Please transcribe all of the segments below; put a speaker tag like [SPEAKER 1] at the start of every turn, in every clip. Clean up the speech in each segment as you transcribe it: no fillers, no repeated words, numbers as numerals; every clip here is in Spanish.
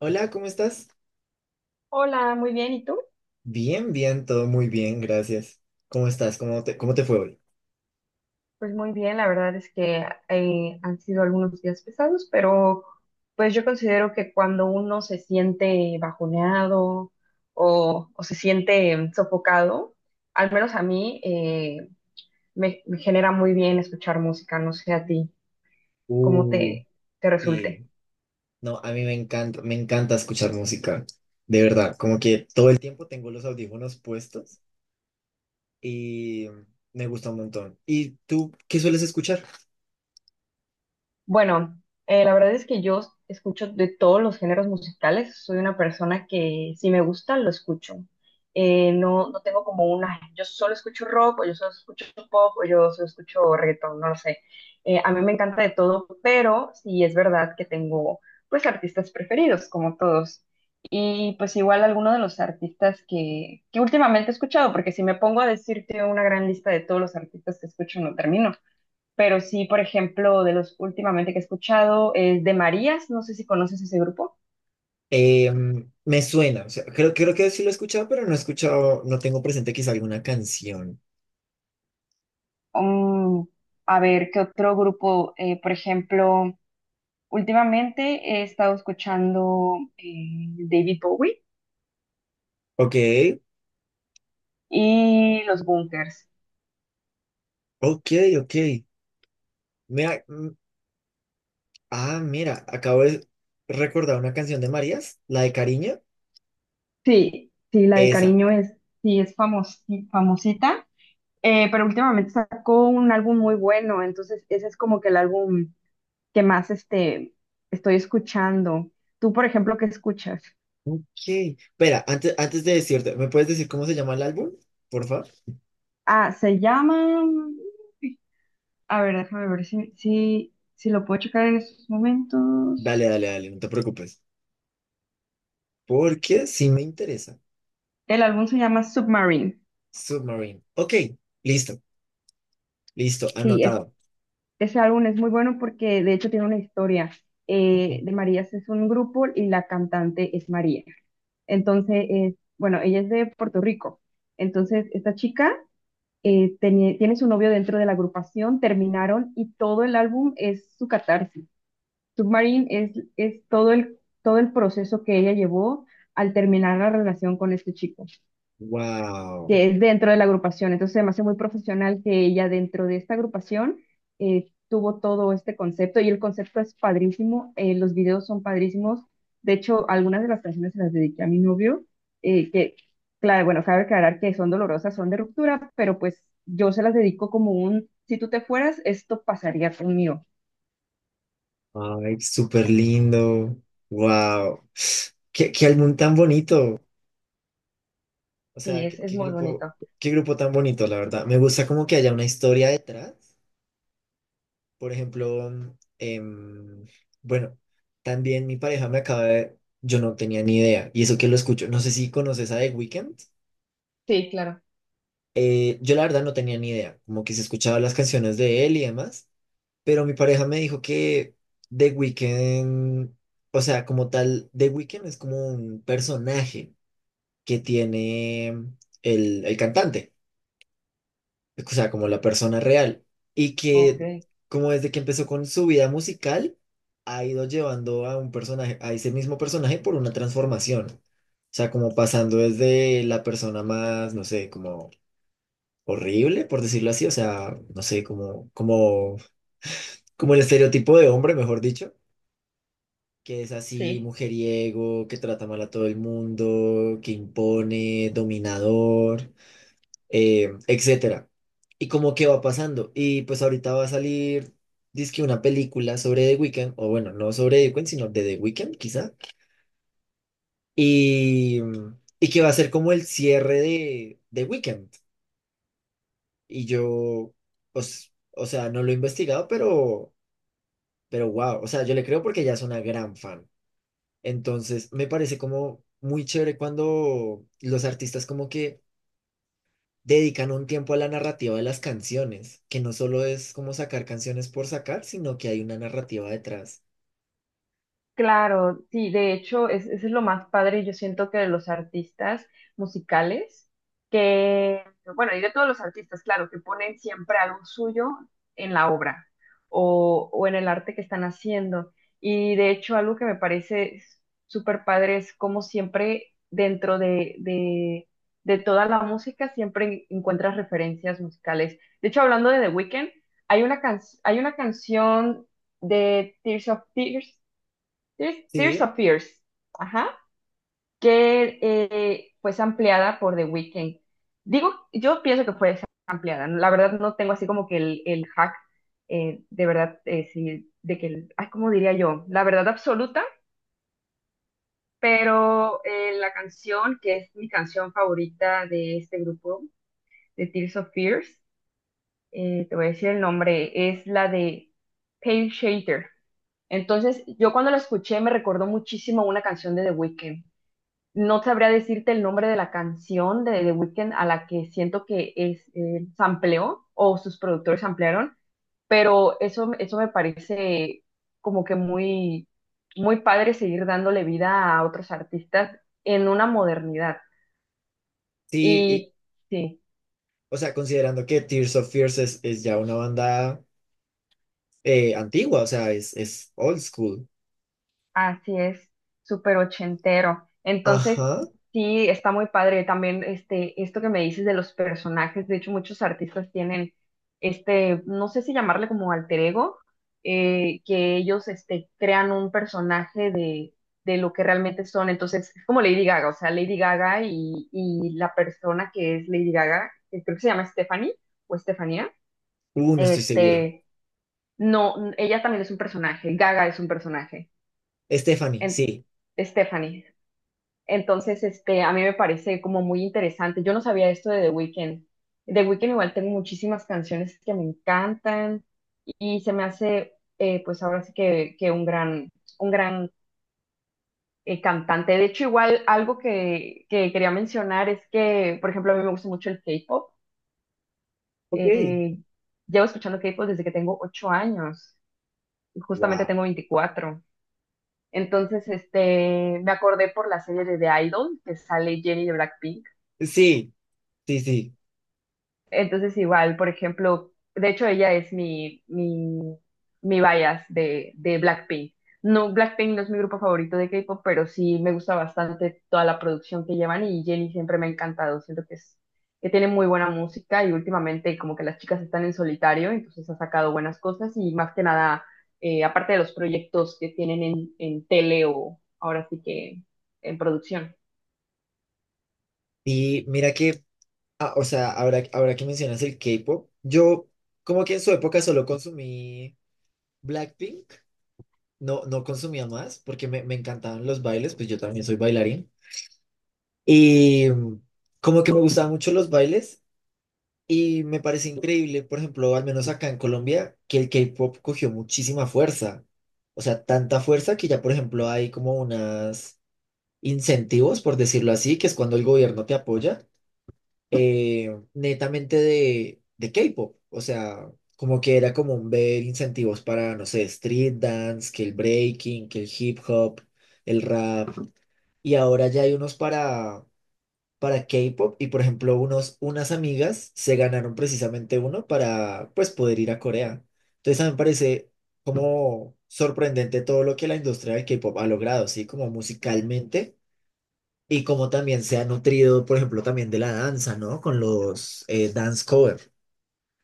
[SPEAKER 1] Hola, ¿cómo estás?
[SPEAKER 2] Hola, muy bien. ¿Y tú?
[SPEAKER 1] Bien, bien, todo muy bien, gracias. ¿Cómo estás? ¿Cómo te fue hoy?
[SPEAKER 2] Pues muy bien, la verdad es que han sido algunos días pesados, pero pues yo considero que cuando uno se siente bajoneado o se siente sofocado, al menos a mí, me genera muy bien escuchar música. No sé a ti cómo
[SPEAKER 1] Uy,
[SPEAKER 2] te
[SPEAKER 1] sí.
[SPEAKER 2] resulte.
[SPEAKER 1] No, a mí me encanta escuchar música. De verdad, como que todo el tiempo tengo los audífonos puestos y me gusta un montón. ¿Y tú qué sueles escuchar?
[SPEAKER 2] Bueno, la verdad es que yo escucho de todos los géneros musicales. Soy una persona que si me gusta, lo escucho. No tengo como una, yo solo escucho rock, o yo solo escucho pop, o yo solo escucho reggaetón, no lo sé. A mí me encanta de todo, pero sí es verdad que tengo pues artistas preferidos, como todos. Y pues igual alguno de los artistas que últimamente he escuchado, porque si me pongo a decirte una gran lista de todos los artistas que escucho, no termino. Pero sí, por ejemplo, de los últimamente que he escuchado es de Marías, no sé si conoces ese grupo.
[SPEAKER 1] Eh, Me suena, o sea, creo que sí lo he escuchado, pero no he escuchado, no tengo presente quizá alguna canción.
[SPEAKER 2] Mm, a ver, ¿qué otro grupo? Por ejemplo, últimamente he estado escuchando David Bowie
[SPEAKER 1] Ok,
[SPEAKER 2] y Los Bunkers.
[SPEAKER 1] ok, ok. Mira, ah, mira, acabo de recordar una canción de Marías, la de Cariño,
[SPEAKER 2] Sí, sí, la de
[SPEAKER 1] esa.
[SPEAKER 2] Cariño es, sí, es famosita, pero últimamente sacó un álbum muy bueno, entonces ese es como que el álbum que más estoy escuchando. ¿Tú, por ejemplo, qué escuchas?
[SPEAKER 1] Ok. Espera, antes de decirte, ¿me puedes decir cómo se llama el álbum? Por favor.
[SPEAKER 2] Ah, se llama... A ver, déjame ver si lo puedo checar en estos momentos.
[SPEAKER 1] Dale, dale, dale, no te preocupes. Porque sí me interesa.
[SPEAKER 2] El álbum se llama Submarine.
[SPEAKER 1] Submarine. Ok, listo, listo,
[SPEAKER 2] Sí, es-
[SPEAKER 1] anotado.
[SPEAKER 2] Ese álbum es muy bueno porque de hecho tiene una historia. De Marías es un grupo y la cantante es María. Entonces, bueno, ella es de Puerto Rico. Entonces, esta chica, tiene su novio dentro de la agrupación, terminaron y todo el álbum es su catarsis. Submarine es todo todo el proceso que ella llevó al terminar la relación con este chico,
[SPEAKER 1] Wow.
[SPEAKER 2] que es dentro de la agrupación. Entonces, se me hace muy profesional que ella dentro de esta agrupación tuvo todo este concepto, y el concepto es padrísimo, los videos son padrísimos. De hecho, algunas de las canciones se las dediqué a mi novio, eh, que, claro, bueno, cabe aclarar que son dolorosas, son de ruptura, pero pues yo se las dedico como un, si tú te fueras, esto pasaría conmigo.
[SPEAKER 1] Ay, súper lindo. Wow. Qué álbum tan bonito. O
[SPEAKER 2] Sí,
[SPEAKER 1] sea, qué,
[SPEAKER 2] es
[SPEAKER 1] qué
[SPEAKER 2] muy
[SPEAKER 1] grupo,
[SPEAKER 2] bonito.
[SPEAKER 1] qué grupo tan bonito, la verdad. Me gusta como que haya una historia detrás. Por ejemplo, em, bueno, también mi pareja me acaba de... Yo no tenía ni idea, y eso que lo escucho, no sé si conoces a The Weeknd.
[SPEAKER 2] Sí, claro.
[SPEAKER 1] Yo la verdad no tenía ni idea, como que se escuchaba las canciones de él y demás, pero mi pareja me dijo que The Weeknd, o sea, como tal, The Weeknd es como un personaje que tiene el cantante, o sea, como la persona real, y que
[SPEAKER 2] Ok.
[SPEAKER 1] como desde que empezó con su vida musical, ha ido llevando a un personaje, a ese mismo personaje por una transformación. O sea, como pasando desde la persona más, no sé, como horrible, por decirlo así, o sea, no sé, como el estereotipo de hombre, mejor dicho, que es así,
[SPEAKER 2] Sí.
[SPEAKER 1] mujeriego, que trata mal a todo el mundo, que impone, dominador, etcétera. Y como que va pasando. Y pues ahorita va a salir, dizque una película sobre The Weeknd, o bueno, no sobre The Weeknd, sino de The Weeknd, quizá. Y, y que va a ser como el cierre de The Weeknd. Y yo, o sea, no lo he investigado, pero wow, o sea, yo le creo porque ella es una gran fan. Entonces, me parece como muy chévere cuando los artistas como que dedican un tiempo a la narrativa de las canciones, que no solo es como sacar canciones por sacar, sino que hay una narrativa detrás.
[SPEAKER 2] Claro, sí, de hecho, eso es lo más padre. Yo siento que de los artistas musicales, que, bueno, y de todos los artistas, claro, que ponen siempre algo suyo en la obra o en el arte que están haciendo. Y de hecho, algo que me parece súper padre es como siempre dentro de toda la música, siempre encuentras referencias musicales. De hecho, hablando de The Weeknd, hay una, hay una canción de Tears, Tears
[SPEAKER 1] Sí,
[SPEAKER 2] of Fears, ajá, que pues ampliada por The Weeknd. Digo, yo pienso que fue ampliada, ¿no? La verdad no tengo así como que el hack, de verdad, sí, de que, el- ay, ¿cómo diría yo? La verdad absoluta, pero la canción, que es mi canción favorita de este grupo, de Tears of Fears, te voy a decir el nombre, es la de Pale Shader. Entonces, yo cuando la escuché me recordó muchísimo a una canción de The Weeknd. No sabría decirte el nombre de la canción de The Weeknd a la que siento que es, sampleó o sus productores ampliaron, pero eso me parece como que muy, muy padre seguir dándole vida a otros artistas en una modernidad.
[SPEAKER 1] sí, y-
[SPEAKER 2] Y sí.
[SPEAKER 1] o sea, considerando que Tears of Fears es ya una banda antigua, o sea, es old school.
[SPEAKER 2] Así es, súper ochentero. Entonces,
[SPEAKER 1] Ajá,
[SPEAKER 2] sí, está muy padre también esto que me dices de los personajes. De hecho, muchos artistas tienen no sé si llamarle como alter ego, que ellos crean un personaje de lo que realmente son. Entonces, es como Lady Gaga. O sea, Lady Gaga y la persona que es Lady Gaga, que creo que se llama Stephanie o Estefanía,
[SPEAKER 1] no estoy seguro.
[SPEAKER 2] este, no, ella también es un personaje, Gaga es un personaje.
[SPEAKER 1] Stephanie,
[SPEAKER 2] En-
[SPEAKER 1] sí.
[SPEAKER 2] Stephanie. Entonces, a mí me parece como muy interesante. Yo no sabía esto de The Weeknd. The Weeknd igual tengo muchísimas canciones que me encantan y se me hace, pues ahora sí que un gran, un gran, cantante. De hecho, igual algo que quería mencionar es que, por ejemplo, a mí me gusta mucho el K-pop.
[SPEAKER 1] Ok.
[SPEAKER 2] Eh, Llevo escuchando K-pop desde que tengo 8 años. Justamente
[SPEAKER 1] Wow.
[SPEAKER 2] tengo 24. Entonces, me acordé por la serie de The Idol, que sale Jennie de Blackpink.
[SPEAKER 1] Sí, sí, sí.
[SPEAKER 2] Entonces, igual, por ejemplo, de hecho, ella es mi bias de Blackpink. No, Blackpink no es mi grupo favorito de K-pop, pero sí me gusta bastante toda la producción que llevan, y Jennie siempre me ha encantado. Siento que que tiene muy buena música, y últimamente como que las chicas están en solitario, entonces ha sacado buenas cosas. Y más que nada, aparte de los proyectos que tienen en tele o ahora sí que en producción.
[SPEAKER 1] Y mira que, ah, o sea, ahora que mencionas el K-pop, yo como que en su época solo consumí Blackpink. No, no consumía más porque me encantaban los bailes, pues yo también soy bailarín. Y como que me gustaban mucho los bailes y me parece increíble, por ejemplo, al menos acá en Colombia, que el K-pop cogió muchísima fuerza. O sea, tanta fuerza que ya, por ejemplo, hay como unas incentivos, por decirlo así, que es cuando el gobierno te apoya netamente de K-pop. O sea, como que era común ver incentivos para, no sé, street dance, que el breaking, que el hip hop, el rap. Y ahora ya hay unos para K-pop. Y por ejemplo, unos, unas amigas se ganaron precisamente uno para, pues, poder ir a Corea. Entonces, a mí me parece como sorprendente todo lo que la industria del K-pop ha logrado, ¿sí? Como musicalmente. Y como también se ha nutrido, por ejemplo, también de la danza, ¿no? Con los dance cover.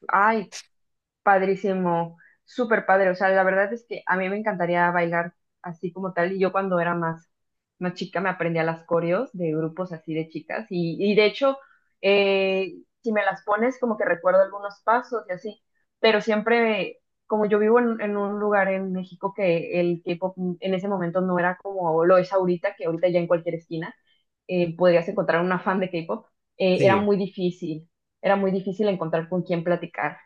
[SPEAKER 2] Ay, padrísimo, súper padre. O sea, la verdad es que a mí me encantaría bailar así como tal. Y yo cuando era más chica me aprendía las coreos de grupos así de chicas. Y de hecho, eh, si me las pones, como que recuerdo algunos pasos y así. Pero siempre, como yo vivo en un lugar en México, que el K-pop en ese momento no era como lo es ahorita, que ahorita ya en cualquier esquina, podrías encontrar una fan de K-pop, era
[SPEAKER 1] Sí,
[SPEAKER 2] muy difícil. Era muy difícil encontrar con quién platicar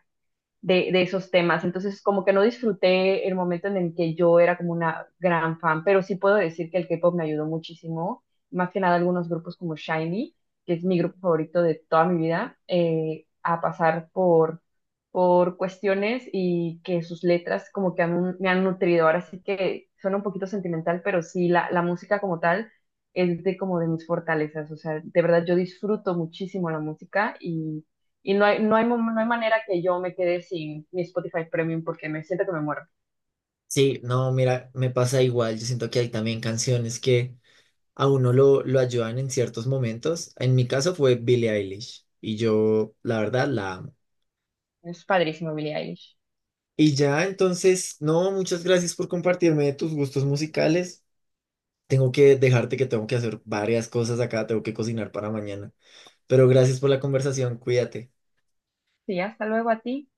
[SPEAKER 2] de esos temas. Entonces, como que no disfruté el momento en el que yo era como una gran fan, pero sí puedo decir que el K-pop me ayudó muchísimo, más que nada algunos grupos como Shinee, que es mi grupo favorito de toda mi vida, a pasar por cuestiones, y que sus letras como que me han nutrido. Ahora sí que suena un poquito sentimental, pero sí, la música como tal es de como de mis fortalezas. O sea, de verdad yo disfruto muchísimo la música, y no hay, no hay, no hay manera que yo me quede sin mi Spotify Premium, porque me siento que me muero.
[SPEAKER 1] sí, no, mira, me pasa igual. Yo siento que hay también canciones que a uno lo ayudan en ciertos momentos. En mi caso fue Billie Eilish y yo, la verdad, la amo.
[SPEAKER 2] Es padrísimo, Billie Eilish.
[SPEAKER 1] Y ya, entonces, no, muchas gracias por compartirme tus gustos musicales. Tengo que dejarte que tengo que hacer varias cosas acá, tengo que cocinar para mañana. Pero gracias por la conversación, cuídate.
[SPEAKER 2] Sí, hasta luego a ti.